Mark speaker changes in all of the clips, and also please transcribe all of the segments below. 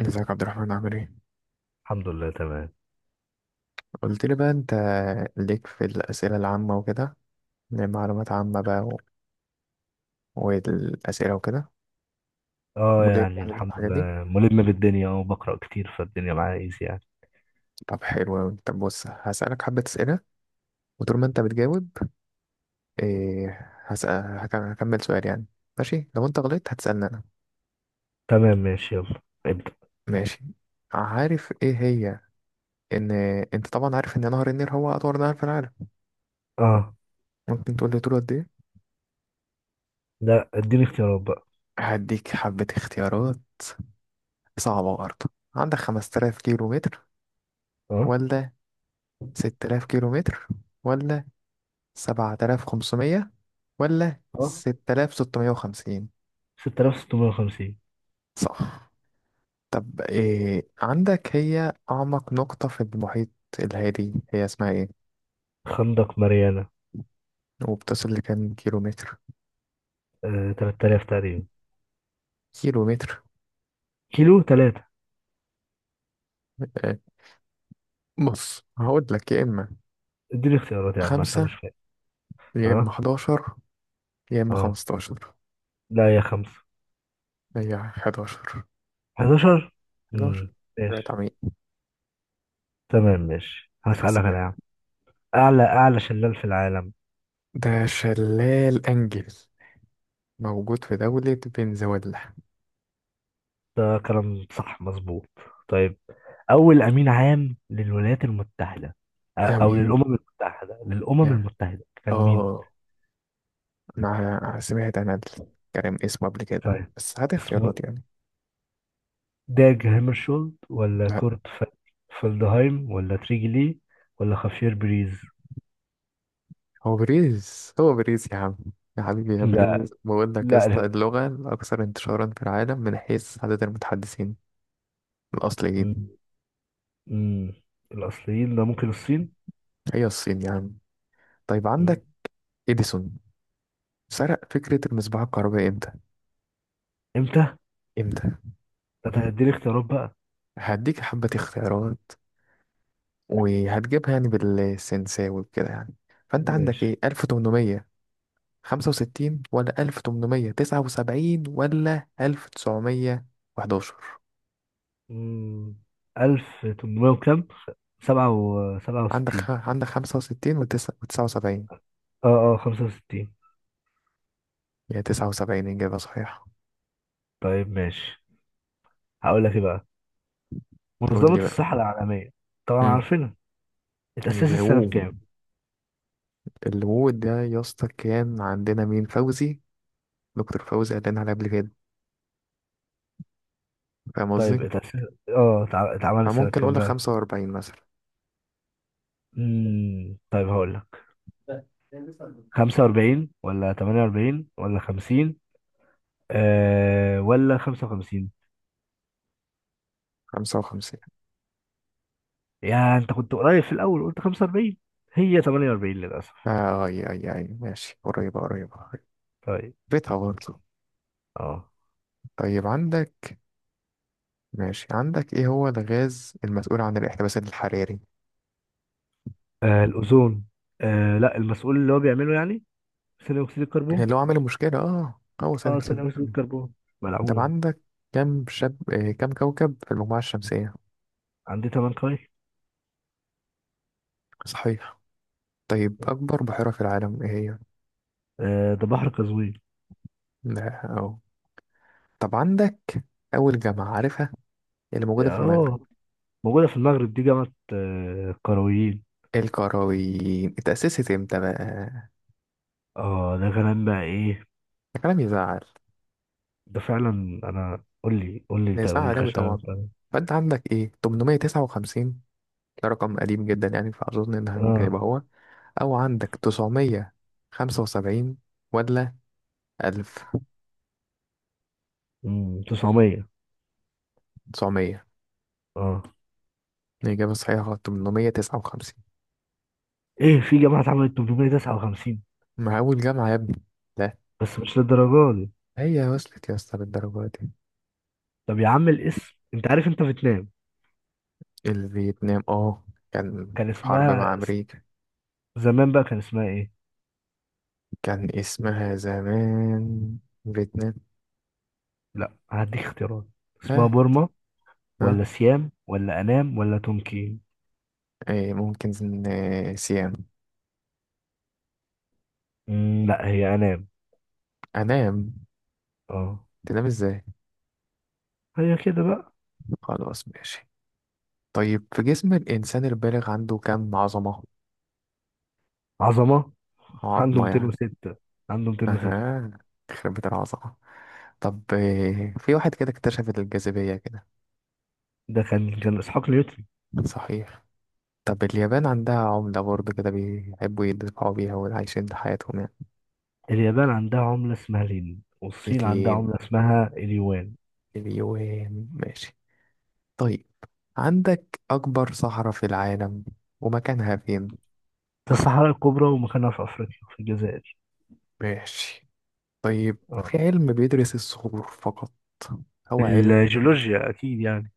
Speaker 1: ازيك يا عبد الرحمن، عامل ايه؟
Speaker 2: الحمد لله تمام.
Speaker 1: قلت لي بقى انت ليك في الأسئلة العامة وكده، معلومات عامة بقى والأسئلة وكده.
Speaker 2: اه
Speaker 1: مليك
Speaker 2: يعني
Speaker 1: يعني
Speaker 2: الحمد
Speaker 1: الحاجات دي.
Speaker 2: لله ملم بالدنيا، بقرأ كتير، فالدنيا معايا ايزي يعني.
Speaker 1: طب حلو أوي. طب بص، هسألك حبة أسئلة وطول ما انت بتجاوب إيه. هكمل سؤال يعني. ماشي، لو انت غلطت هتسألني أنا.
Speaker 2: تمام، ماشي، يلا ابدأ.
Speaker 1: ماشي. عارف ايه هي؟ ان انت طبعا عارف ان نهر النيل هو أطول نهر في العالم،
Speaker 2: اه
Speaker 1: ممكن تقول لي طوله قد ايه؟
Speaker 2: لا، اديني اختيارات بقى.
Speaker 1: هديك حبة اختيارات صعبة برضه. عندك 5000 كيلو متر
Speaker 2: اه
Speaker 1: ولا 6000 كيلو متر ولا 7500 ولا
Speaker 2: اه
Speaker 1: 6650؟
Speaker 2: 6650.
Speaker 1: صح. طب إيه عندك، هي أعمق نقطة في المحيط الهادي هي اسمها إيه؟
Speaker 2: خندق ماريانا.
Speaker 1: وبتصل لكام كيلو متر؟
Speaker 2: 3000 تقريبا،
Speaker 1: كيلو متر.
Speaker 2: كيلو 3.
Speaker 1: آه، بص هقول لك، يا إما
Speaker 2: اديني اختيارات يا عم عشان
Speaker 1: خمسة
Speaker 2: مش فاهم.
Speaker 1: يا إما
Speaker 2: اه.
Speaker 1: 11 يا إما
Speaker 2: اه
Speaker 1: 15.
Speaker 2: لا، يا خمسة،
Speaker 1: هي حداشر.
Speaker 2: 11.
Speaker 1: حداشر، رأيت
Speaker 2: ماشي.
Speaker 1: عميق.
Speaker 2: تمام، ماشي،
Speaker 1: هتحسب.
Speaker 2: هسألك أنا يا عم. أعلى شلال في العالم.
Speaker 1: ده شلال أنجل موجود في دولة فنزويلا.
Speaker 2: ده كلام صح مظبوط. طيب، أول أمين عام للولايات المتحدة، أو
Speaker 1: أمين
Speaker 2: للأمم المتحدة للأمم
Speaker 1: يعني.
Speaker 2: المتحدة كان مين؟
Speaker 1: اه، انا سمعت انا الكلام اسمه قبل كده،
Speaker 2: طيب،
Speaker 1: بس هات اختيارات
Speaker 2: اسمه
Speaker 1: يعني.
Speaker 2: داج هامرشولد ولا
Speaker 1: لا،
Speaker 2: كورت فلدهايم ولا تريجي لي ولا خافير بريز؟
Speaker 1: هو بريز هو بريز يا عم. يا حبيبي يا
Speaker 2: لا،
Speaker 1: بريز، بقول لك يا
Speaker 2: لا،
Speaker 1: اسطى، اللغة الأكثر انتشارا في العالم من حيث عدد المتحدثين الأصليين
Speaker 2: م- م- الأصليين، ده ممكن الصين؟
Speaker 1: هي الصين يا عم. طيب
Speaker 2: م.
Speaker 1: عندك إديسون سرق فكرة المصباح الكهربائي إمتى؟
Speaker 2: إمتى؟ ده،
Speaker 1: إمتى؟
Speaker 2: أنت هتديني اختيارات بقى.
Speaker 1: هديك حبة اختيارات، وهتجيبها يعني بالسنساوي وكده يعني. فأنت عندك إيه،
Speaker 2: ماشي.
Speaker 1: 1800 خمسة وستين ولا 1879 ولا 1911؟
Speaker 2: مم، 1800 وكام، سبعة
Speaker 1: عندك خ...
Speaker 2: وستين
Speaker 1: عندك خمسة وستين وتسعة وسبعين.
Speaker 2: اه اه 65.
Speaker 1: هي تسعة وسبعين إجابة صحيحة.
Speaker 2: طيب، ماشي، هقول لك ايه بقى.
Speaker 1: قول
Speaker 2: منظمة
Speaker 1: لي
Speaker 2: الصحة
Speaker 1: بقى.
Speaker 2: العالمية، طبعا
Speaker 1: مم.
Speaker 2: عارفينها، اتأسست السنة
Speaker 1: الغوو،
Speaker 2: بكام.
Speaker 1: الغوو ده يا اسطى، كان عندنا مين فوزي، دكتور فوزي قال لنا عليه قبل كده. فاهم قصدي؟
Speaker 2: طيب، اتأسست، اتعملت السنة
Speaker 1: فممكن أقول
Speaker 2: بكام
Speaker 1: لك
Speaker 2: بقى.
Speaker 1: خمسة وأربعين مثلا.
Speaker 2: مم. طيب هقول لك، 45 ولا 48 ولا 50، ولا 55.
Speaker 1: خمسة وخمسين.
Speaker 2: يا انت، كنت قريب في الأول، قلت 45، هي 48 للأسف.
Speaker 1: آه أي أي أي، ماشي قريبة قريبة قريبة.
Speaker 2: طيب.
Speaker 1: بيتها برضه.
Speaker 2: اه
Speaker 1: طيب عندك، ماشي، عندك ايه هو الغاز المسؤول عن الاحتباس الحراري؟
Speaker 2: الأوزون. لا، المسؤول اللي هو بيعمله يعني ثاني اكسيد الكربون.
Speaker 1: اللي هو عامل المشكلة، اه، هو ثاني
Speaker 2: اه،
Speaker 1: اكسيد
Speaker 2: ثاني اكسيد
Speaker 1: الكربون.
Speaker 2: الكربون
Speaker 1: طب
Speaker 2: ملعون.
Speaker 1: عندك كم شب آه كم كوكب في المجموعة الشمسية؟
Speaker 2: عندي تمن قاي.
Speaker 1: صحيح. طيب أكبر بحيرة في العالم ايه هي؟
Speaker 2: ده بحر قزوين.
Speaker 1: لا اه. طب عندك أول جامعة عارفها اللي موجودة في المغرب؟
Speaker 2: اه، موجودة في المغرب، دي جامعة القرويين.
Speaker 1: القرويين اتأسست امتى بقى؟
Speaker 2: اه، ده كلام بقى ايه.
Speaker 1: ده كلام يزعل.
Speaker 2: ده فعلا، انا قول لي قول لي
Speaker 1: ده
Speaker 2: تواريخ
Speaker 1: يزعل أوي
Speaker 2: عشان أنا
Speaker 1: طبعا.
Speaker 2: مش فاهم.
Speaker 1: فأنت عندك ايه، 859؟ ده رقم قديم جدا يعني، فأظن إنها ممكن
Speaker 2: اه
Speaker 1: يبقى هو. أو عندك 975 ولا ألف.
Speaker 2: 900.
Speaker 1: تسعمية
Speaker 2: اه،
Speaker 1: الإجابة صحيحة غلط. 859،
Speaker 2: ايه، في جامعة اتعملت 859؟
Speaker 1: مع أول جامعة يا ابني. لا،
Speaker 2: بس مش للدرجة دي.
Speaker 1: هي وصلت يا اسطى بالدرجة دي.
Speaker 2: طب يا عم، الاسم، انت عارف انت فيتنام،
Speaker 1: الفيتنام، اه، كان
Speaker 2: كان
Speaker 1: في حرب مع
Speaker 2: اسمها
Speaker 1: أمريكا.
Speaker 2: زمان بقى كان اسمها ايه؟
Speaker 1: كان اسمها زمان فيتنام.
Speaker 2: لا، هديك اختيارات.
Speaker 1: ها.
Speaker 2: اسمها بورما
Speaker 1: ها.
Speaker 2: ولا سيام ولا أنام ولا تونكين؟
Speaker 1: ايه، ممكن سيام.
Speaker 2: لا، هي أنام.
Speaker 1: أنام.
Speaker 2: اه،
Speaker 1: تنام ازاي؟
Speaker 2: هي كده بقى.
Speaker 1: خلاص ماشي. طيب في جسم الإنسان البالغ عنده كم عظمة؟
Speaker 2: عظمة. عنده
Speaker 1: عظمة يعني.
Speaker 2: 206، عنده 206.
Speaker 1: آه، يخرب بيت العظمة. طب في واحد كده اكتشف الجاذبية كده.
Speaker 2: ده كان إسحاق نيوتن.
Speaker 1: صحيح. طب اليابان عندها عملة برضه كده بيحبوا يدفعوا بيها وعايشين حياتهم يعني.
Speaker 2: اليابان عندها عملة اسمها الين، والصين عندها عملة
Speaker 1: الين،
Speaker 2: اسمها اليوان.
Speaker 1: اليوان، ماشي. طيب عندك أكبر صحراء في العالم، ومكانها فين؟
Speaker 2: ده الصحراء الكبرى، ومكانها في أفريقيا، في الجزائر.
Speaker 1: ماشي. طيب
Speaker 2: اه،
Speaker 1: في علم بيدرس الصخور فقط، هو علم.
Speaker 2: الجيولوجيا أكيد يعني.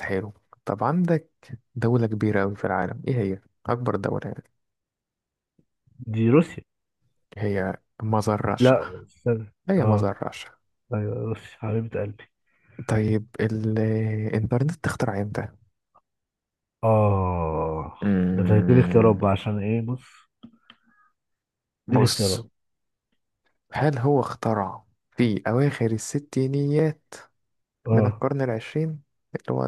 Speaker 1: حلو. طب عندك دولة كبيرة أوي في العالم إيه هي؟ أكبر دولة يعني.
Speaker 2: دي روسيا.
Speaker 1: هي مزر رشع.
Speaker 2: لا، استنى،
Speaker 1: هي ما
Speaker 2: اه.
Speaker 1: ذرعش.
Speaker 2: أيوة، روسيا حبيبة قلبي.
Speaker 1: طيب الإنترنت اخترع امتى؟
Speaker 2: اه، ده اديني اختيارات
Speaker 1: أمم،
Speaker 2: بقى، عشان ايه، بص، اديني
Speaker 1: بص،
Speaker 2: اختيارات.
Speaker 1: هل هو اخترع في أواخر الستينيات من
Speaker 2: اه
Speaker 1: القرن العشرين، اللي هو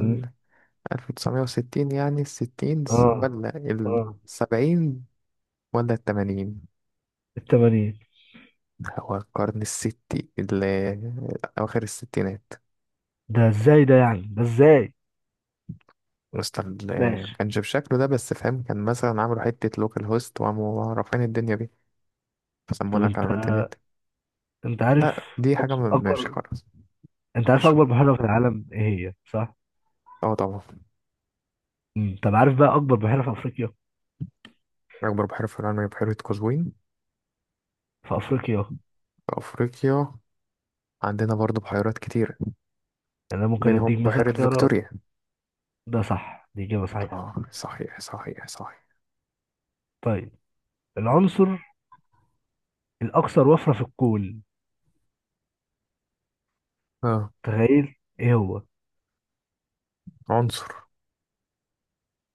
Speaker 1: 1960 يعني الستينز،
Speaker 2: اه
Speaker 1: ولا
Speaker 2: اه
Speaker 1: السبعين ولا التمانين؟
Speaker 2: التمانين.
Speaker 1: هو القرن أواخر الستينات.
Speaker 2: ده ازاي ده؟ يعني ده ازاي؟ ماشي.
Speaker 1: كانش بشكله ده، بس فاهم، كان مثلا عملوا حتة لوكال هوست وقاموا رافعين الدنيا بيه،
Speaker 2: طب،
Speaker 1: فسمونا
Speaker 2: انت
Speaker 1: كمان الإنترنت.
Speaker 2: انت عارف
Speaker 1: لا دي حاجة
Speaker 2: أكب-
Speaker 1: ماشي
Speaker 2: اكبر
Speaker 1: خلاص.
Speaker 2: انت عارف
Speaker 1: مش
Speaker 2: اكبر
Speaker 1: خلاص.
Speaker 2: بحيرة في العالم ايه هي، صح؟
Speaker 1: اه طبعا.
Speaker 2: مم. طب عارف بقى اكبر بحيرة في افريقيا،
Speaker 1: أكبر بحيرة في العالم هي بحيرة قزوين.
Speaker 2: في افريقيا.
Speaker 1: في أفريقيا عندنا برضه بحيرات كتيرة
Speaker 2: يعني انا ممكن
Speaker 1: منهم
Speaker 2: اديك مثلا
Speaker 1: بحيرة
Speaker 2: اختيارات.
Speaker 1: فيكتوريا.
Speaker 2: ده صح، دي اجابة صحيحة.
Speaker 1: اه صحيح صحيح صحيح.
Speaker 2: طيب، العنصر الاكثر وفرة في الكون،
Speaker 1: اه.
Speaker 2: تخيل ايه هو.
Speaker 1: عنصر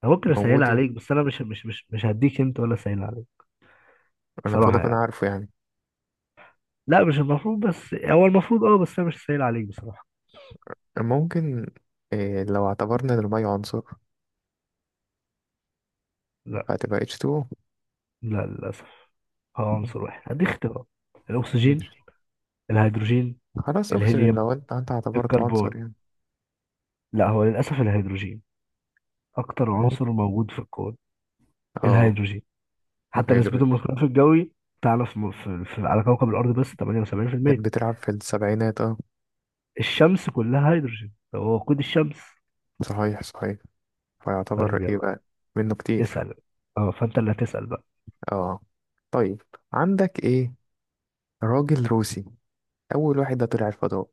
Speaker 2: انا ممكن اسهلها
Speaker 1: موجود يعني.
Speaker 2: عليك، بس انا مش هديك انت ولا اسهلها عليك.
Speaker 1: أنا المفروض
Speaker 2: بصراحة
Speaker 1: أكون
Speaker 2: يعني.
Speaker 1: عارفه يعني.
Speaker 2: لا، مش المفروض، بس هو المفروض، بس انا مش هسهل عليك بصراحة.
Speaker 1: ممكن، إيه لو اعتبرنا إن المية عنصر
Speaker 2: لا،
Speaker 1: فهتبقى H2O؟
Speaker 2: لا، للاسف، هو عنصر واحد، هديك اختيارات. الأكسجين،
Speaker 1: ماشي.
Speaker 2: الهيدروجين،
Speaker 1: خلاص أكسجين،
Speaker 2: الهيليوم،
Speaker 1: لو أنت اعتبرته عنصر
Speaker 2: الكربون.
Speaker 1: يعني.
Speaker 2: لا، هو للأسف الهيدروجين، أكتر
Speaker 1: ممكن.
Speaker 2: عنصر موجود في الكون،
Speaker 1: اه.
Speaker 2: الهيدروجين. حتى نسبته من
Speaker 1: هيدروجين.
Speaker 2: الغلاف الجوي، تعرف، على كوكب الأرض بس 78%.
Speaker 1: كانت بتلعب في السبعينات اه.
Speaker 2: الشمس كلها هيدروجين، هو وقود الشمس.
Speaker 1: صحيح صحيح. فيعتبر
Speaker 2: طيب،
Speaker 1: ايه
Speaker 2: يلا
Speaker 1: بقى؟ منه كتير.
Speaker 2: اسأل. اه فأنت اللي هتسأل بقى.
Speaker 1: اه. طيب عندك ايه، راجل روسي اول واحد ده طلع الفضاء.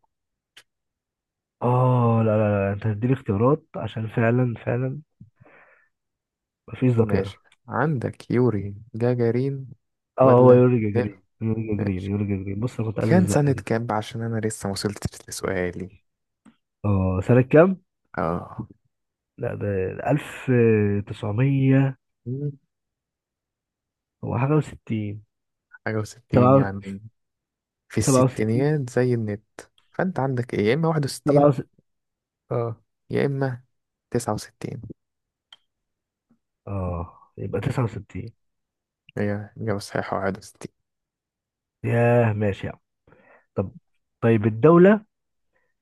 Speaker 2: اه لا، لا، لا، أنت هتديني اختيارات عشان فعلا، فعلا مفيش
Speaker 1: ماشي.
Speaker 2: ذاكرة.
Speaker 1: عندك يوري جاجارين
Speaker 2: اه هو
Speaker 1: ولا
Speaker 2: يورجا
Speaker 1: نيل؟
Speaker 2: جرين، يورجا جرين،
Speaker 1: ماشي.
Speaker 2: يورجا جرين، بص أنا كنت عايز
Speaker 1: كان
Speaker 2: الزقة
Speaker 1: سنة
Speaker 2: دي.
Speaker 1: كام بقى؟ عشان انا لسه ما وصلتش لسؤالي.
Speaker 2: اه، سنة كام؟
Speaker 1: اه.
Speaker 2: لا، ده 1900،
Speaker 1: مم،
Speaker 2: هو حاجة وستين،
Speaker 1: حاجة وستين
Speaker 2: سبعة،
Speaker 1: يعني. في
Speaker 2: 67،
Speaker 1: الستينيات زي النت. فانت عندك ايه، يا اما واحد
Speaker 2: سبعة
Speaker 1: وستين
Speaker 2: وستين اه
Speaker 1: يا اما تسعة وستين؟
Speaker 2: اه يبقى 69.
Speaker 1: هي إجابة صحيحة واحد وستين.
Speaker 2: ياه، ماشي يا عم. طب، طيب، الدولة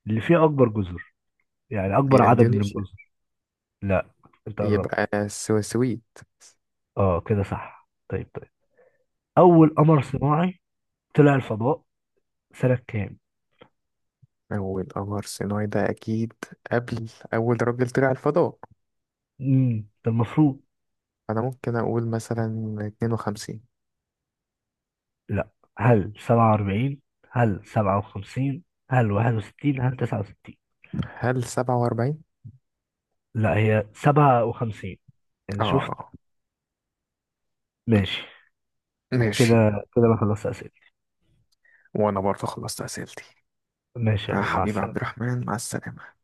Speaker 2: اللي فيها أكبر جزر، يعني
Speaker 1: دي
Speaker 2: أكبر عدد من
Speaker 1: اندونيسيا.
Speaker 2: الجزر. لا، أنت قربت.
Speaker 1: يبقى سويسوي.
Speaker 2: اه، كده صح. طيب، طيب، أول قمر صناعي طلع الفضاء سنة كام؟
Speaker 1: أول قمر صناعي ده أكيد قبل أول راجل طلع الفضاء.
Speaker 2: امم ده المفروض.
Speaker 1: أنا ممكن أقول مثلا اتنين وخمسين.
Speaker 2: لا، هل 47، هل 57، هل 61، هل 69؟
Speaker 1: هل سبعة وأربعين؟
Speaker 2: لا، هي 57، يعني شفت.
Speaker 1: آه.
Speaker 2: ماشي.
Speaker 1: ماشي.
Speaker 2: كده كده انا خلصت اسئله.
Speaker 1: وأنا برضه خلصت أسئلتي.
Speaker 2: ماشي يا
Speaker 1: آه
Speaker 2: أبو، مع
Speaker 1: حبيبي عبد
Speaker 2: السلامه.
Speaker 1: الرحمن، مع السلامة.